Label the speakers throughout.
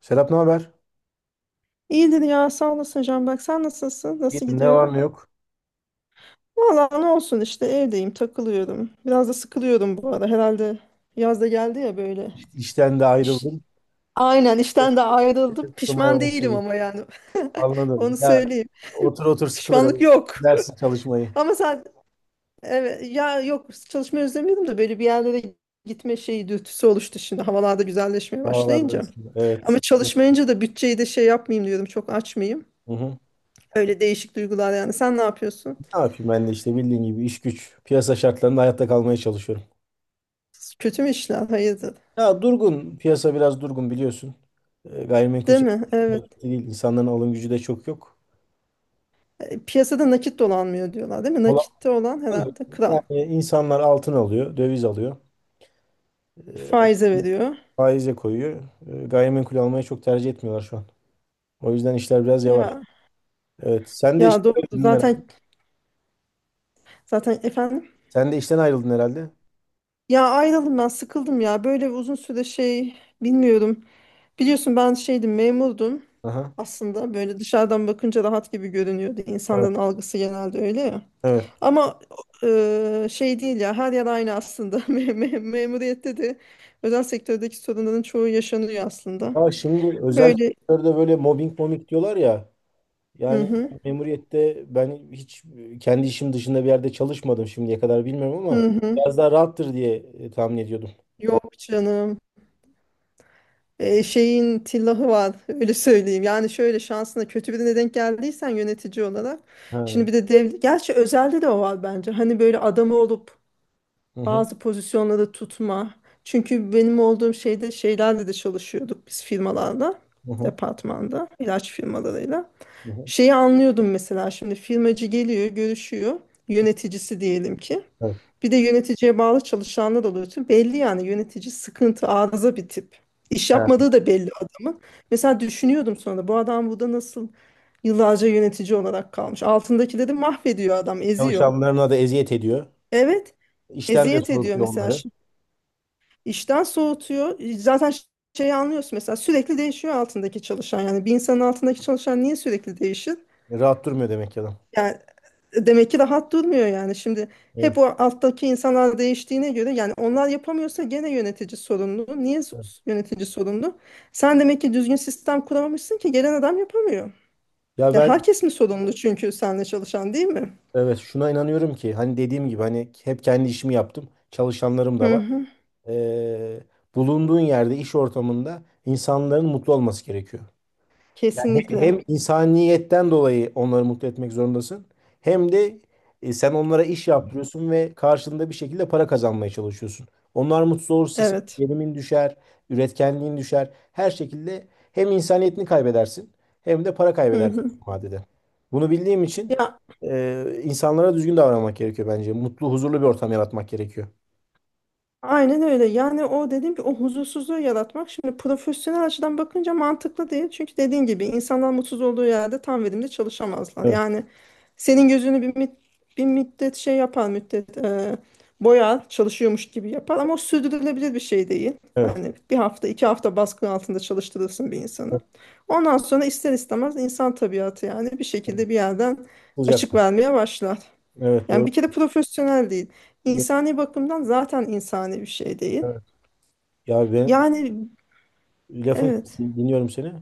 Speaker 1: Serap, ne haber?
Speaker 2: İyidir ya, sağ olasın Can. Bak sen nasılsın, nasıl
Speaker 1: İyidir, ne var
Speaker 2: gidiyor?
Speaker 1: ne yok.
Speaker 2: Vallahi ne olsun, işte evdeyim, takılıyorum, biraz da sıkılıyorum bu ara. Herhalde yaz da geldi ya böyle.
Speaker 1: İşten de
Speaker 2: İş-
Speaker 1: ayrıldım.
Speaker 2: aynen, işten de ayrıldım, pişman
Speaker 1: Sıkılmaya
Speaker 2: değilim
Speaker 1: başladım.
Speaker 2: ama yani
Speaker 1: Anladım.
Speaker 2: onu
Speaker 1: Ya,
Speaker 2: söyleyeyim.
Speaker 1: otur otur sıkılır öyle.
Speaker 2: Pişmanlık yok.
Speaker 1: Dersin çalışmayı.
Speaker 2: Ama sen, evet ya, yok çalışmayı özlemiyordum da böyle bir yerlere gitme şeyi, dürtüsü oluştu şimdi havalarda güzelleşmeye
Speaker 1: Havalarda
Speaker 2: başlayınca.
Speaker 1: ısındı. Evet,
Speaker 2: Ama
Speaker 1: sıkıldım.
Speaker 2: çalışmayınca da bütçeyi de şey yapmayayım diyorum, çok açmayayım.
Speaker 1: Hı hı.
Speaker 2: Öyle değişik duygular. Yani sen ne yapıyorsun?
Speaker 1: Ne yapayım, ben de işte bildiğin gibi iş güç. Piyasa şartlarında hayatta kalmaya çalışıyorum.
Speaker 2: Kötü mü işler? Hayırdır?
Speaker 1: Ya, durgun. Piyasa biraz durgun, biliyorsun. Gayrimenkul
Speaker 2: Değil mi?
Speaker 1: sektörü çok
Speaker 2: Evet.
Speaker 1: hareketli değil. İnsanların alım gücü de çok yok.
Speaker 2: Piyasada nakit dolanmıyor diyorlar değil mi?
Speaker 1: Olandan
Speaker 2: Nakitte olan herhalde kral.
Speaker 1: Yani insanlar altın alıyor, döviz alıyor. E,
Speaker 2: Faize veriyor.
Speaker 1: Faize koyuyor. Gayrimenkul almayı çok tercih etmiyorlar şu an. O yüzden işler biraz yavaş.
Speaker 2: Ya
Speaker 1: Evet. Sen de
Speaker 2: ya
Speaker 1: işten
Speaker 2: doğru.
Speaker 1: ayrıldın herhalde.
Speaker 2: Zaten efendim.
Speaker 1: Sen de işten ayrıldın herhalde.
Speaker 2: Ya ayrıldım, ben sıkıldım ya. Böyle uzun süre şey, bilmiyorum. Biliyorsun ben şeydim, memurdum.
Speaker 1: Aha.
Speaker 2: Aslında böyle dışarıdan bakınca rahat gibi görünüyordu.
Speaker 1: Evet.
Speaker 2: İnsanların algısı genelde öyle ya.
Speaker 1: Evet.
Speaker 2: Ama şey değil ya, her yer aynı aslında. Memuriyette de özel sektördeki sorunların çoğu yaşanıyor aslında.
Speaker 1: Ya, şimdi özel
Speaker 2: Böyle
Speaker 1: sektörde böyle mobbing mobbing diyorlar ya.
Speaker 2: hı
Speaker 1: Yani
Speaker 2: hı,
Speaker 1: memuriyette ben hiç kendi işim dışında bir yerde çalışmadım şimdiye kadar, bilmiyorum, ama
Speaker 2: hı hı.
Speaker 1: biraz daha rahattır diye tahmin ediyordum.
Speaker 2: Yok canım. Şeyin tillahı var, öyle söyleyeyim. Yani şöyle, şansına kötü birine denk geldiysen yönetici olarak. Şimdi
Speaker 1: Ha.
Speaker 2: bir de dev, gerçi özelde de o var bence. Hani böyle adamı olup
Speaker 1: Hı hı.
Speaker 2: bazı pozisyonları tutma. Çünkü benim olduğum şeyde şeylerle de çalışıyorduk biz, firmalarda,
Speaker 1: Hı hı.
Speaker 2: departmanda, ilaç firmalarıyla.
Speaker 1: Hı hı.
Speaker 2: Şeyi anlıyordum mesela, şimdi firmacı geliyor, görüşüyor, yöneticisi diyelim ki.
Speaker 1: Evet.
Speaker 2: Bir de yöneticiye bağlı çalışanlar oluyor. Tüm belli yani, yönetici sıkıntı, arıza bir tip. İş
Speaker 1: Ha.
Speaker 2: yapmadığı da belli adamın. Mesela düşünüyordum sonra, bu adam burada nasıl yıllarca yönetici olarak kalmış. Altındakileri mahvediyor adam, eziyor.
Speaker 1: Çalışanlarına da eziyet ediyor.
Speaker 2: Evet,
Speaker 1: İşten de
Speaker 2: eziyet ediyor
Speaker 1: soğutuyor
Speaker 2: mesela.
Speaker 1: onları.
Speaker 2: İşten soğutuyor. Zaten şeyi anlıyorsun mesela, sürekli değişiyor altındaki çalışan. Yani bir insanın altındaki çalışan niye sürekli değişir?
Speaker 1: Rahat durmuyor demek ki adam.
Speaker 2: Yani demek ki rahat durmuyor yani. Şimdi hep
Speaker 1: Evet.
Speaker 2: o alttaki insanlar değiştiğine göre, yani onlar yapamıyorsa gene yönetici sorumlu.
Speaker 1: Evet.
Speaker 2: Yönetici sorumlu? Sen demek ki düzgün sistem kuramamışsın ki gelen adam yapamıyor.
Speaker 1: Ya
Speaker 2: Ya
Speaker 1: ben
Speaker 2: herkes mi sorumlu, çünkü seninle çalışan değil mi?
Speaker 1: Evet, şuna inanıyorum ki, hani dediğim gibi, hani hep kendi işimi yaptım. Çalışanlarım da
Speaker 2: Hı
Speaker 1: var.
Speaker 2: hı.
Speaker 1: Ee, Bulunduğun yerde, iş ortamında insanların mutlu olması gerekiyor. Hem
Speaker 2: Kesinlikle.
Speaker 1: insaniyetten dolayı onları mutlu etmek zorundasın. Hem de sen onlara iş yaptırıyorsun ve karşılığında bir şekilde para kazanmaya çalışıyorsun. Onlar mutsuz olursa senin
Speaker 2: Evet.
Speaker 1: gelimin düşer, üretkenliğin düşer. Her şekilde hem insaniyetini kaybedersin, hem de para
Speaker 2: Hı
Speaker 1: kaybedersin
Speaker 2: hı.
Speaker 1: vadede. Bunu bildiğim için
Speaker 2: Ya
Speaker 1: insanlara düzgün davranmak gerekiyor bence. Mutlu, huzurlu bir ortam yaratmak gerekiyor.
Speaker 2: aynen öyle. Yani o dediğim ki, o huzursuzluğu yaratmak, şimdi profesyonel açıdan bakınca mantıklı değil. Çünkü dediğin gibi insanlar mutsuz olduğu yerde tam verimli çalışamazlar.
Speaker 1: Evet,
Speaker 2: Yani senin gözünü bir, bir müddet şey yapar, müddet boyar, çalışıyormuş gibi yapar ama o sürdürülebilir bir şey değil.
Speaker 1: evet.
Speaker 2: Hani bir hafta, iki hafta baskı altında çalıştırırsın bir insanı. Ondan sonra ister istemez insan tabiatı, yani bir şekilde bir yerden
Speaker 1: Olacak.
Speaker 2: açık vermeye başlar.
Speaker 1: Evet,
Speaker 2: Yani
Speaker 1: doğru.
Speaker 2: bir kere profesyonel değil.
Speaker 1: Yok,
Speaker 2: İnsani bakımdan zaten insani bir şey değil.
Speaker 1: evet. Ya, ben
Speaker 2: Yani
Speaker 1: lafını
Speaker 2: evet.
Speaker 1: kestim, dinliyorum seni.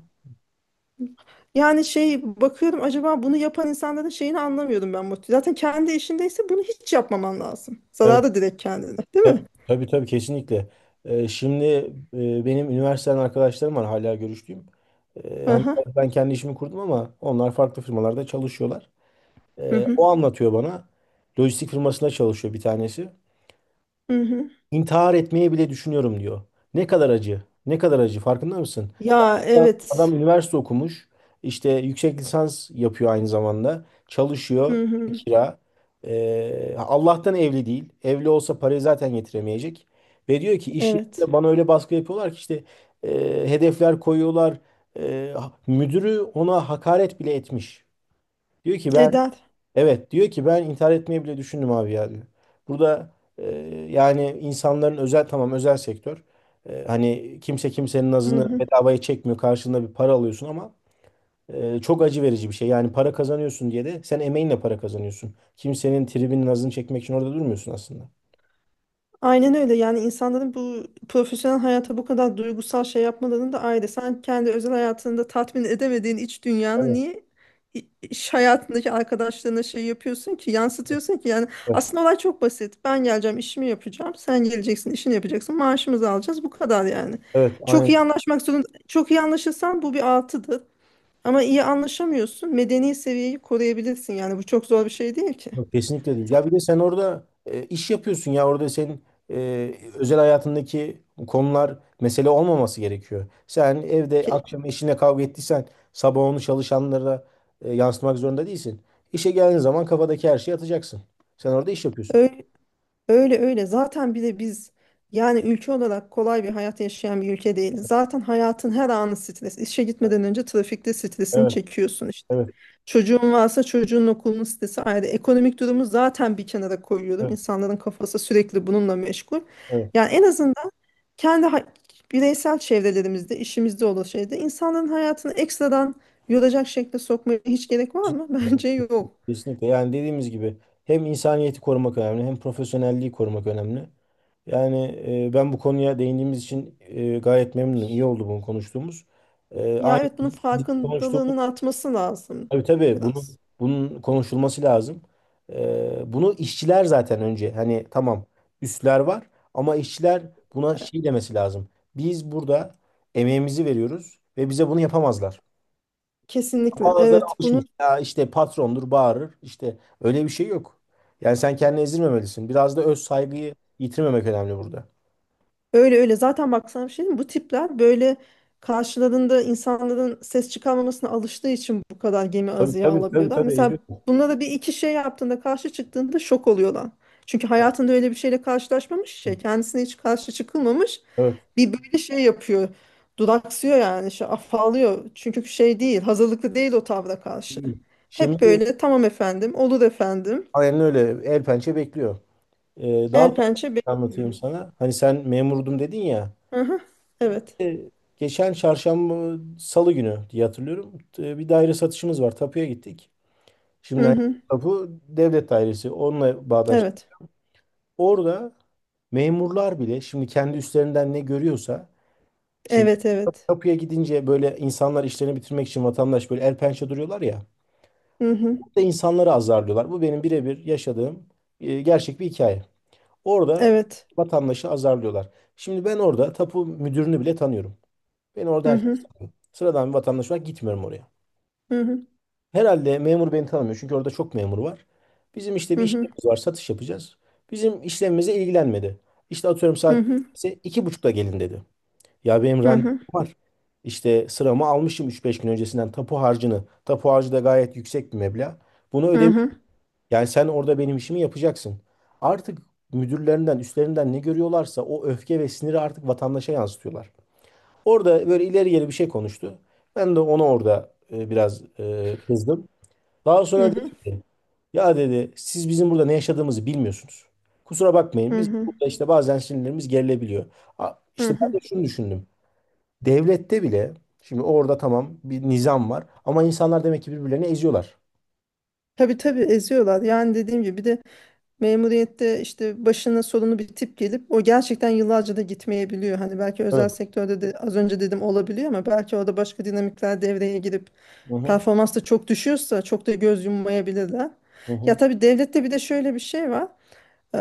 Speaker 2: Yani şey bakıyorum, acaba bunu yapan insanların şeyini anlamıyorum ben. Mutlu. Zaten kendi işindeyse bunu hiç yapmaman lazım.
Speaker 1: Evet.
Speaker 2: Zararı direkt kendine, değil mi?
Speaker 1: Tabii tabii, tabii, kesinlikle. Şimdi benim üniversiteden arkadaşlarım var hala görüştüğüm. Hani
Speaker 2: Aha.
Speaker 1: ben kendi işimi kurdum ama onlar farklı firmalarda çalışıyorlar.
Speaker 2: Hı hı.
Speaker 1: O anlatıyor bana. Lojistik firmasında çalışıyor bir tanesi.
Speaker 2: Hı hı.
Speaker 1: İntihar etmeyi bile düşünüyorum diyor. Ne kadar acı, ne kadar acı, farkında mısın?
Speaker 2: Ya
Speaker 1: Adam
Speaker 2: evet.
Speaker 1: üniversite okumuş. İşte yüksek lisans yapıyor aynı zamanda. Çalışıyor.
Speaker 2: Hı hı.
Speaker 1: Kira. Allah'tan evli değil. Evli olsa parayı zaten getiremeyecek. Ve diyor ki iş
Speaker 2: Evet.
Speaker 1: yerinde bana öyle baskı yapıyorlar ki, işte hedefler koyuyorlar. E, Müdürü ona hakaret bile etmiş. Diyor ki ben
Speaker 2: Eder.
Speaker 1: Evet, diyor ki ben intihar etmeyi bile düşündüm abi ya, diyor. Burada e, yani insanların özel, tamam, özel sektör. Hani kimse kimsenin
Speaker 2: Hı
Speaker 1: nazını
Speaker 2: hı.
Speaker 1: bedavaya çekmiyor. Karşılığında bir para alıyorsun, ama çok acı verici bir şey. Yani para kazanıyorsun diye de, sen emeğinle para kazanıyorsun. Kimsenin tribinin nazını çekmek için orada durmuyorsun aslında.
Speaker 2: Aynen öyle. Yani insanların bu profesyonel hayata bu kadar duygusal şey yapmalarını da ayrı. Sen kendi özel hayatında tatmin edemediğin iç dünyanı
Speaker 1: Evet,
Speaker 2: niye iş hayatındaki arkadaşlarına şey yapıyorsun ki, yansıtıyorsun ki. Yani
Speaker 1: evet.
Speaker 2: aslında olay çok basit. Ben geleceğim, işimi yapacağım. Sen geleceksin, işini yapacaksın. Maaşımızı alacağız. Bu kadar yani.
Speaker 1: Evet,
Speaker 2: Çok
Speaker 1: aynen.
Speaker 2: iyi anlaşmak zorunda. Çok iyi anlaşırsan bu bir artıdır. Ama iyi anlaşamıyorsun, medeni seviyeyi koruyabilirsin. Yani bu çok zor bir şey değil ki.
Speaker 1: Yok, kesinlikle değil. Ya, bir de sen orada iş yapıyorsun ya, orada senin özel hayatındaki konular mesele olmaması gerekiyor. Sen evde
Speaker 2: Ki-
Speaker 1: akşam eşinle kavga ettiysen, sabah onu çalışanlara yansıtmak zorunda değilsin. İşe geldiğin zaman kafadaki her şeyi atacaksın. Sen orada iş yapıyorsun.
Speaker 2: Öyle, öyle öyle. Zaten bir de biz yani ülke olarak kolay bir hayat yaşayan bir ülke değil. Zaten hayatın her anı stres. İşe gitmeden önce trafikte stresini
Speaker 1: Evet,
Speaker 2: çekiyorsun işte.
Speaker 1: evet,
Speaker 2: Çocuğun varsa çocuğun okulunun stresi ayrı. Ekonomik durumu zaten bir kenara koyuyorum.
Speaker 1: evet,
Speaker 2: İnsanların kafası sürekli bununla meşgul. Yani en azından kendi bireysel çevrelerimizde, işimizde olan şeyde insanların hayatını ekstradan yoracak şekilde sokmaya hiç gerek var mı?
Speaker 1: evet.
Speaker 2: Bence yok.
Speaker 1: Kesinlikle. Yani dediğimiz gibi hem insaniyeti korumak önemli, hem profesyonelliği korumak önemli. Yani ben bu konuya değindiğimiz için gayet memnunum. İyi oldu bunu konuştuğumuz.
Speaker 2: Ya
Speaker 1: Aynı
Speaker 2: evet, bunun
Speaker 1: konuştuğumuz,
Speaker 2: farkındalığının artması lazım
Speaker 1: tabii tabii, bunun
Speaker 2: biraz.
Speaker 1: bunun konuşulması lazım. Bunu işçiler zaten, önce hani tamam, üstler var, ama işçiler buna
Speaker 2: E,
Speaker 1: şey demesi lazım. Biz burada emeğimizi veriyoruz ve bize bunu yapamazlar.
Speaker 2: Kesinlikle.
Speaker 1: Bazıları
Speaker 2: Evet, bunu
Speaker 1: alışmış. Ya, işte patrondur bağırır. İşte öyle bir şey yok. Yani sen kendini ezdirmemelisin. Biraz da öz saygıyı yitirmemek önemli burada.
Speaker 2: öyle öyle. Zaten bak sana bir şey diyeyim mi? Bu tipler böyle karşılarında insanların ses çıkarmamasına alıştığı için bu kadar gemi
Speaker 1: Tabii
Speaker 2: azıya
Speaker 1: tabii tabii
Speaker 2: alabiliyorlar.
Speaker 1: tabii,
Speaker 2: Mesela
Speaker 1: eziyorsun.
Speaker 2: bunlara bir iki şey yaptığında, karşı çıktığında şok oluyorlar. Çünkü hayatında öyle bir şeyle karşılaşmamış şey, kendisine hiç karşı çıkılmamış.
Speaker 1: Evet.
Speaker 2: Bir böyle şey yapıyor, duraksıyor yani, şey afallıyor. Çünkü şey değil, hazırlıklı değil o tavra karşı. Hep
Speaker 1: Şimdi
Speaker 2: böyle tamam efendim, olur efendim.
Speaker 1: aynen öyle, el pençe bekliyor. Daha
Speaker 2: El
Speaker 1: farklı bir
Speaker 2: pençe.
Speaker 1: şey anlatayım sana. Hani sen memurdum dedin ya.
Speaker 2: Hı hı, evet.
Speaker 1: Ee, Geçen çarşamba, salı günü diye hatırlıyorum. Bir daire satışımız var. Tapuya gittik.
Speaker 2: Hı
Speaker 1: Şimdi hani
Speaker 2: hı,
Speaker 1: tapu devlet dairesi. Onunla bağdaştık.
Speaker 2: evet.
Speaker 1: Orada memurlar bile şimdi kendi üstlerinden ne görüyorsa, şimdi
Speaker 2: Evet evet.
Speaker 1: kapıya gidince böyle insanlar işlerini bitirmek için vatandaş böyle el pençe duruyorlar ya.
Speaker 2: Hı hı.
Speaker 1: Orada insanları azarlıyorlar. Bu benim birebir yaşadığım gerçek bir hikaye. Orada
Speaker 2: Evet.
Speaker 1: vatandaşı azarlıyorlar. Şimdi ben orada tapu müdürünü bile tanıyorum. Ben orada
Speaker 2: Hı hı.
Speaker 1: herkes tanıyor. Sıradan bir vatandaş olarak gitmiyorum oraya.
Speaker 2: Hı hı.
Speaker 1: Herhalde memur beni tanımıyor çünkü orada çok memur var. Bizim işte
Speaker 2: Hı
Speaker 1: bir
Speaker 2: hı.
Speaker 1: işlemimiz var, satış yapacağız. Bizim işlemimize ilgilenmedi. İşte atıyorum,
Speaker 2: Hı
Speaker 1: saat
Speaker 2: hı.
Speaker 1: ise iki buçukta gelin dedi. Ya, benim
Speaker 2: Hı
Speaker 1: randevum
Speaker 2: hı.
Speaker 1: var. İşte sıramı almışım üç beş gün öncesinden, tapu harcını. Tapu harcı da gayet yüksek bir meblağ. Bunu
Speaker 2: Hı
Speaker 1: ödemiş.
Speaker 2: hı.
Speaker 1: Yani sen orada benim işimi yapacaksın. Artık müdürlerinden, üstlerinden ne görüyorlarsa o öfke ve siniri artık vatandaşa yansıtıyorlar. Orada böyle ileri geri bir şey konuştu. Ben de ona orada biraz kızdım. Daha
Speaker 2: Hı
Speaker 1: sonra dedi
Speaker 2: hı.
Speaker 1: ki, ya dedi, siz bizim burada ne yaşadığımızı bilmiyorsunuz. Kusura
Speaker 2: Hı
Speaker 1: bakmayın, biz
Speaker 2: hı.
Speaker 1: burada işte bazen sinirlerimiz gerilebiliyor.
Speaker 2: Hı
Speaker 1: İşte
Speaker 2: hı.
Speaker 1: ben de şunu düşündüm. Devlette bile, şimdi orada tamam bir nizam var, ama insanlar demek ki birbirlerini eziyorlar.
Speaker 2: Tabii tabii, eziyorlar. Yani dediğim gibi, bir de memuriyette işte başına sorunu bir tip gelip o gerçekten yıllarca da gitmeyebiliyor. Hani belki özel
Speaker 1: Evet.
Speaker 2: sektörde de az önce dedim olabiliyor, ama belki orada başka dinamikler devreye girip
Speaker 1: Hı hı.
Speaker 2: performans da çok düşüyorsa çok da göz yummayabilirler.
Speaker 1: Hı
Speaker 2: Ya
Speaker 1: hı.
Speaker 2: tabii, devlette bir de şöyle bir şey var. e,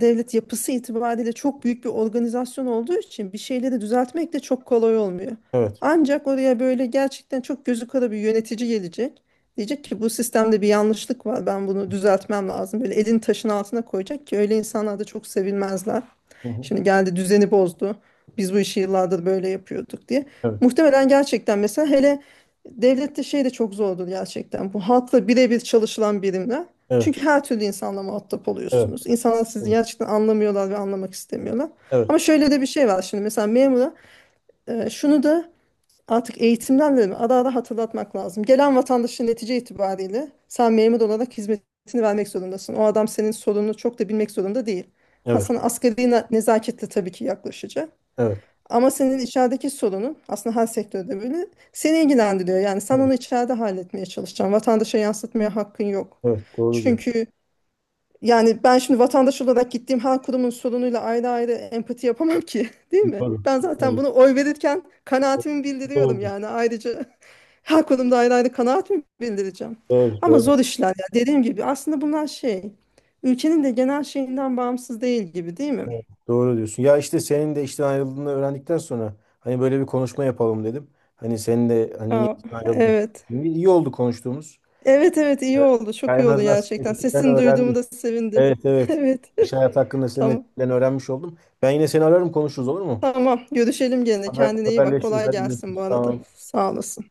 Speaker 2: Devlet yapısı itibariyle çok büyük bir organizasyon olduğu için bir şeyleri düzeltmek de çok kolay olmuyor.
Speaker 1: Evet.
Speaker 2: Ancak oraya böyle gerçekten çok gözü kara bir yönetici gelecek. Diyecek ki bu sistemde bir yanlışlık var, ben bunu düzeltmem lazım. Böyle elini taşın altına koyacak ki, öyle insanlar da çok sevilmezler.
Speaker 1: Hı hı.
Speaker 2: Şimdi geldi düzeni bozdu, biz bu işi yıllardır böyle yapıyorduk diye.
Speaker 1: Evet.
Speaker 2: Muhtemelen gerçekten mesela, hele devlette şey de çok zordur gerçekten, bu halkla birebir çalışılan birimler.
Speaker 1: Evet.
Speaker 2: Çünkü her türlü insanla muhatap
Speaker 1: Evet.
Speaker 2: oluyorsunuz. İnsanlar sizi gerçekten anlamıyorlar ve anlamak istemiyorlar.
Speaker 1: Evet.
Speaker 2: Ama şöyle de bir şey var. Şimdi mesela memura şunu da artık eğitimlerle mi ara ara hatırlatmak lazım. Gelen vatandaşın, netice itibariyle sen memur olarak hizmetini vermek zorundasın. O adam senin sorununu çok da bilmek zorunda değil. Ha,
Speaker 1: Evet. Evet.
Speaker 2: sana asgari nezaketle tabii ki yaklaşacak.
Speaker 1: Evet.
Speaker 2: Ama senin içerideki sorunun aslında her sektörde böyle, seni ilgilendiriyor. Yani sen
Speaker 1: Evet.
Speaker 2: onu içeride halletmeye çalışacaksın, vatandaşa yansıtmaya hakkın yok.
Speaker 1: Evet. Doğru diyor.
Speaker 2: Çünkü yani ben şimdi vatandaş olarak gittiğim her kurumun sorunuyla ayrı ayrı empati yapamam ki, değil mi?
Speaker 1: Doğru.
Speaker 2: Ben zaten
Speaker 1: Doğru.
Speaker 2: bunu oy verirken kanaatimi bildiriyorum
Speaker 1: Doğru.
Speaker 2: yani, ayrıca her kurumda ayrı ayrı kanaatimi bildireceğim.
Speaker 1: Doğru.
Speaker 2: Ama
Speaker 1: Doğru.
Speaker 2: zor işler ya, dediğim gibi aslında bunlar şey, ülkenin de genel şeyinden bağımsız değil gibi, değil mi?
Speaker 1: Evet, doğru diyorsun. Ya, işte senin de işten ayrıldığını öğrendikten sonra hani böyle bir konuşma yapalım dedim. Hani senin de, hani niye
Speaker 2: Ha,
Speaker 1: işten ayrıldın?
Speaker 2: evet.
Speaker 1: İyi, iyi oldu konuştuğumuz.
Speaker 2: Evet evet, iyi
Speaker 1: Evet.
Speaker 2: oldu, çok
Speaker 1: Yani en
Speaker 2: iyi oldu
Speaker 1: azından
Speaker 2: gerçekten,
Speaker 1: senin
Speaker 2: sesini duyduğumu
Speaker 1: öğrendim.
Speaker 2: da sevindim.
Speaker 1: Evet, evet.
Speaker 2: Evet.
Speaker 1: İş hayatı hakkında senin
Speaker 2: tamam
Speaker 1: etkiden öğrenmiş oldum. Ben yine seni ararım, konuşuruz, olur mu?
Speaker 2: tamam görüşelim gene, kendine iyi bak,
Speaker 1: Haberleşiriz.
Speaker 2: kolay
Speaker 1: Hadi
Speaker 2: gelsin bu
Speaker 1: görüşürüz.
Speaker 2: arada,
Speaker 1: Tamam.
Speaker 2: sağ olasın.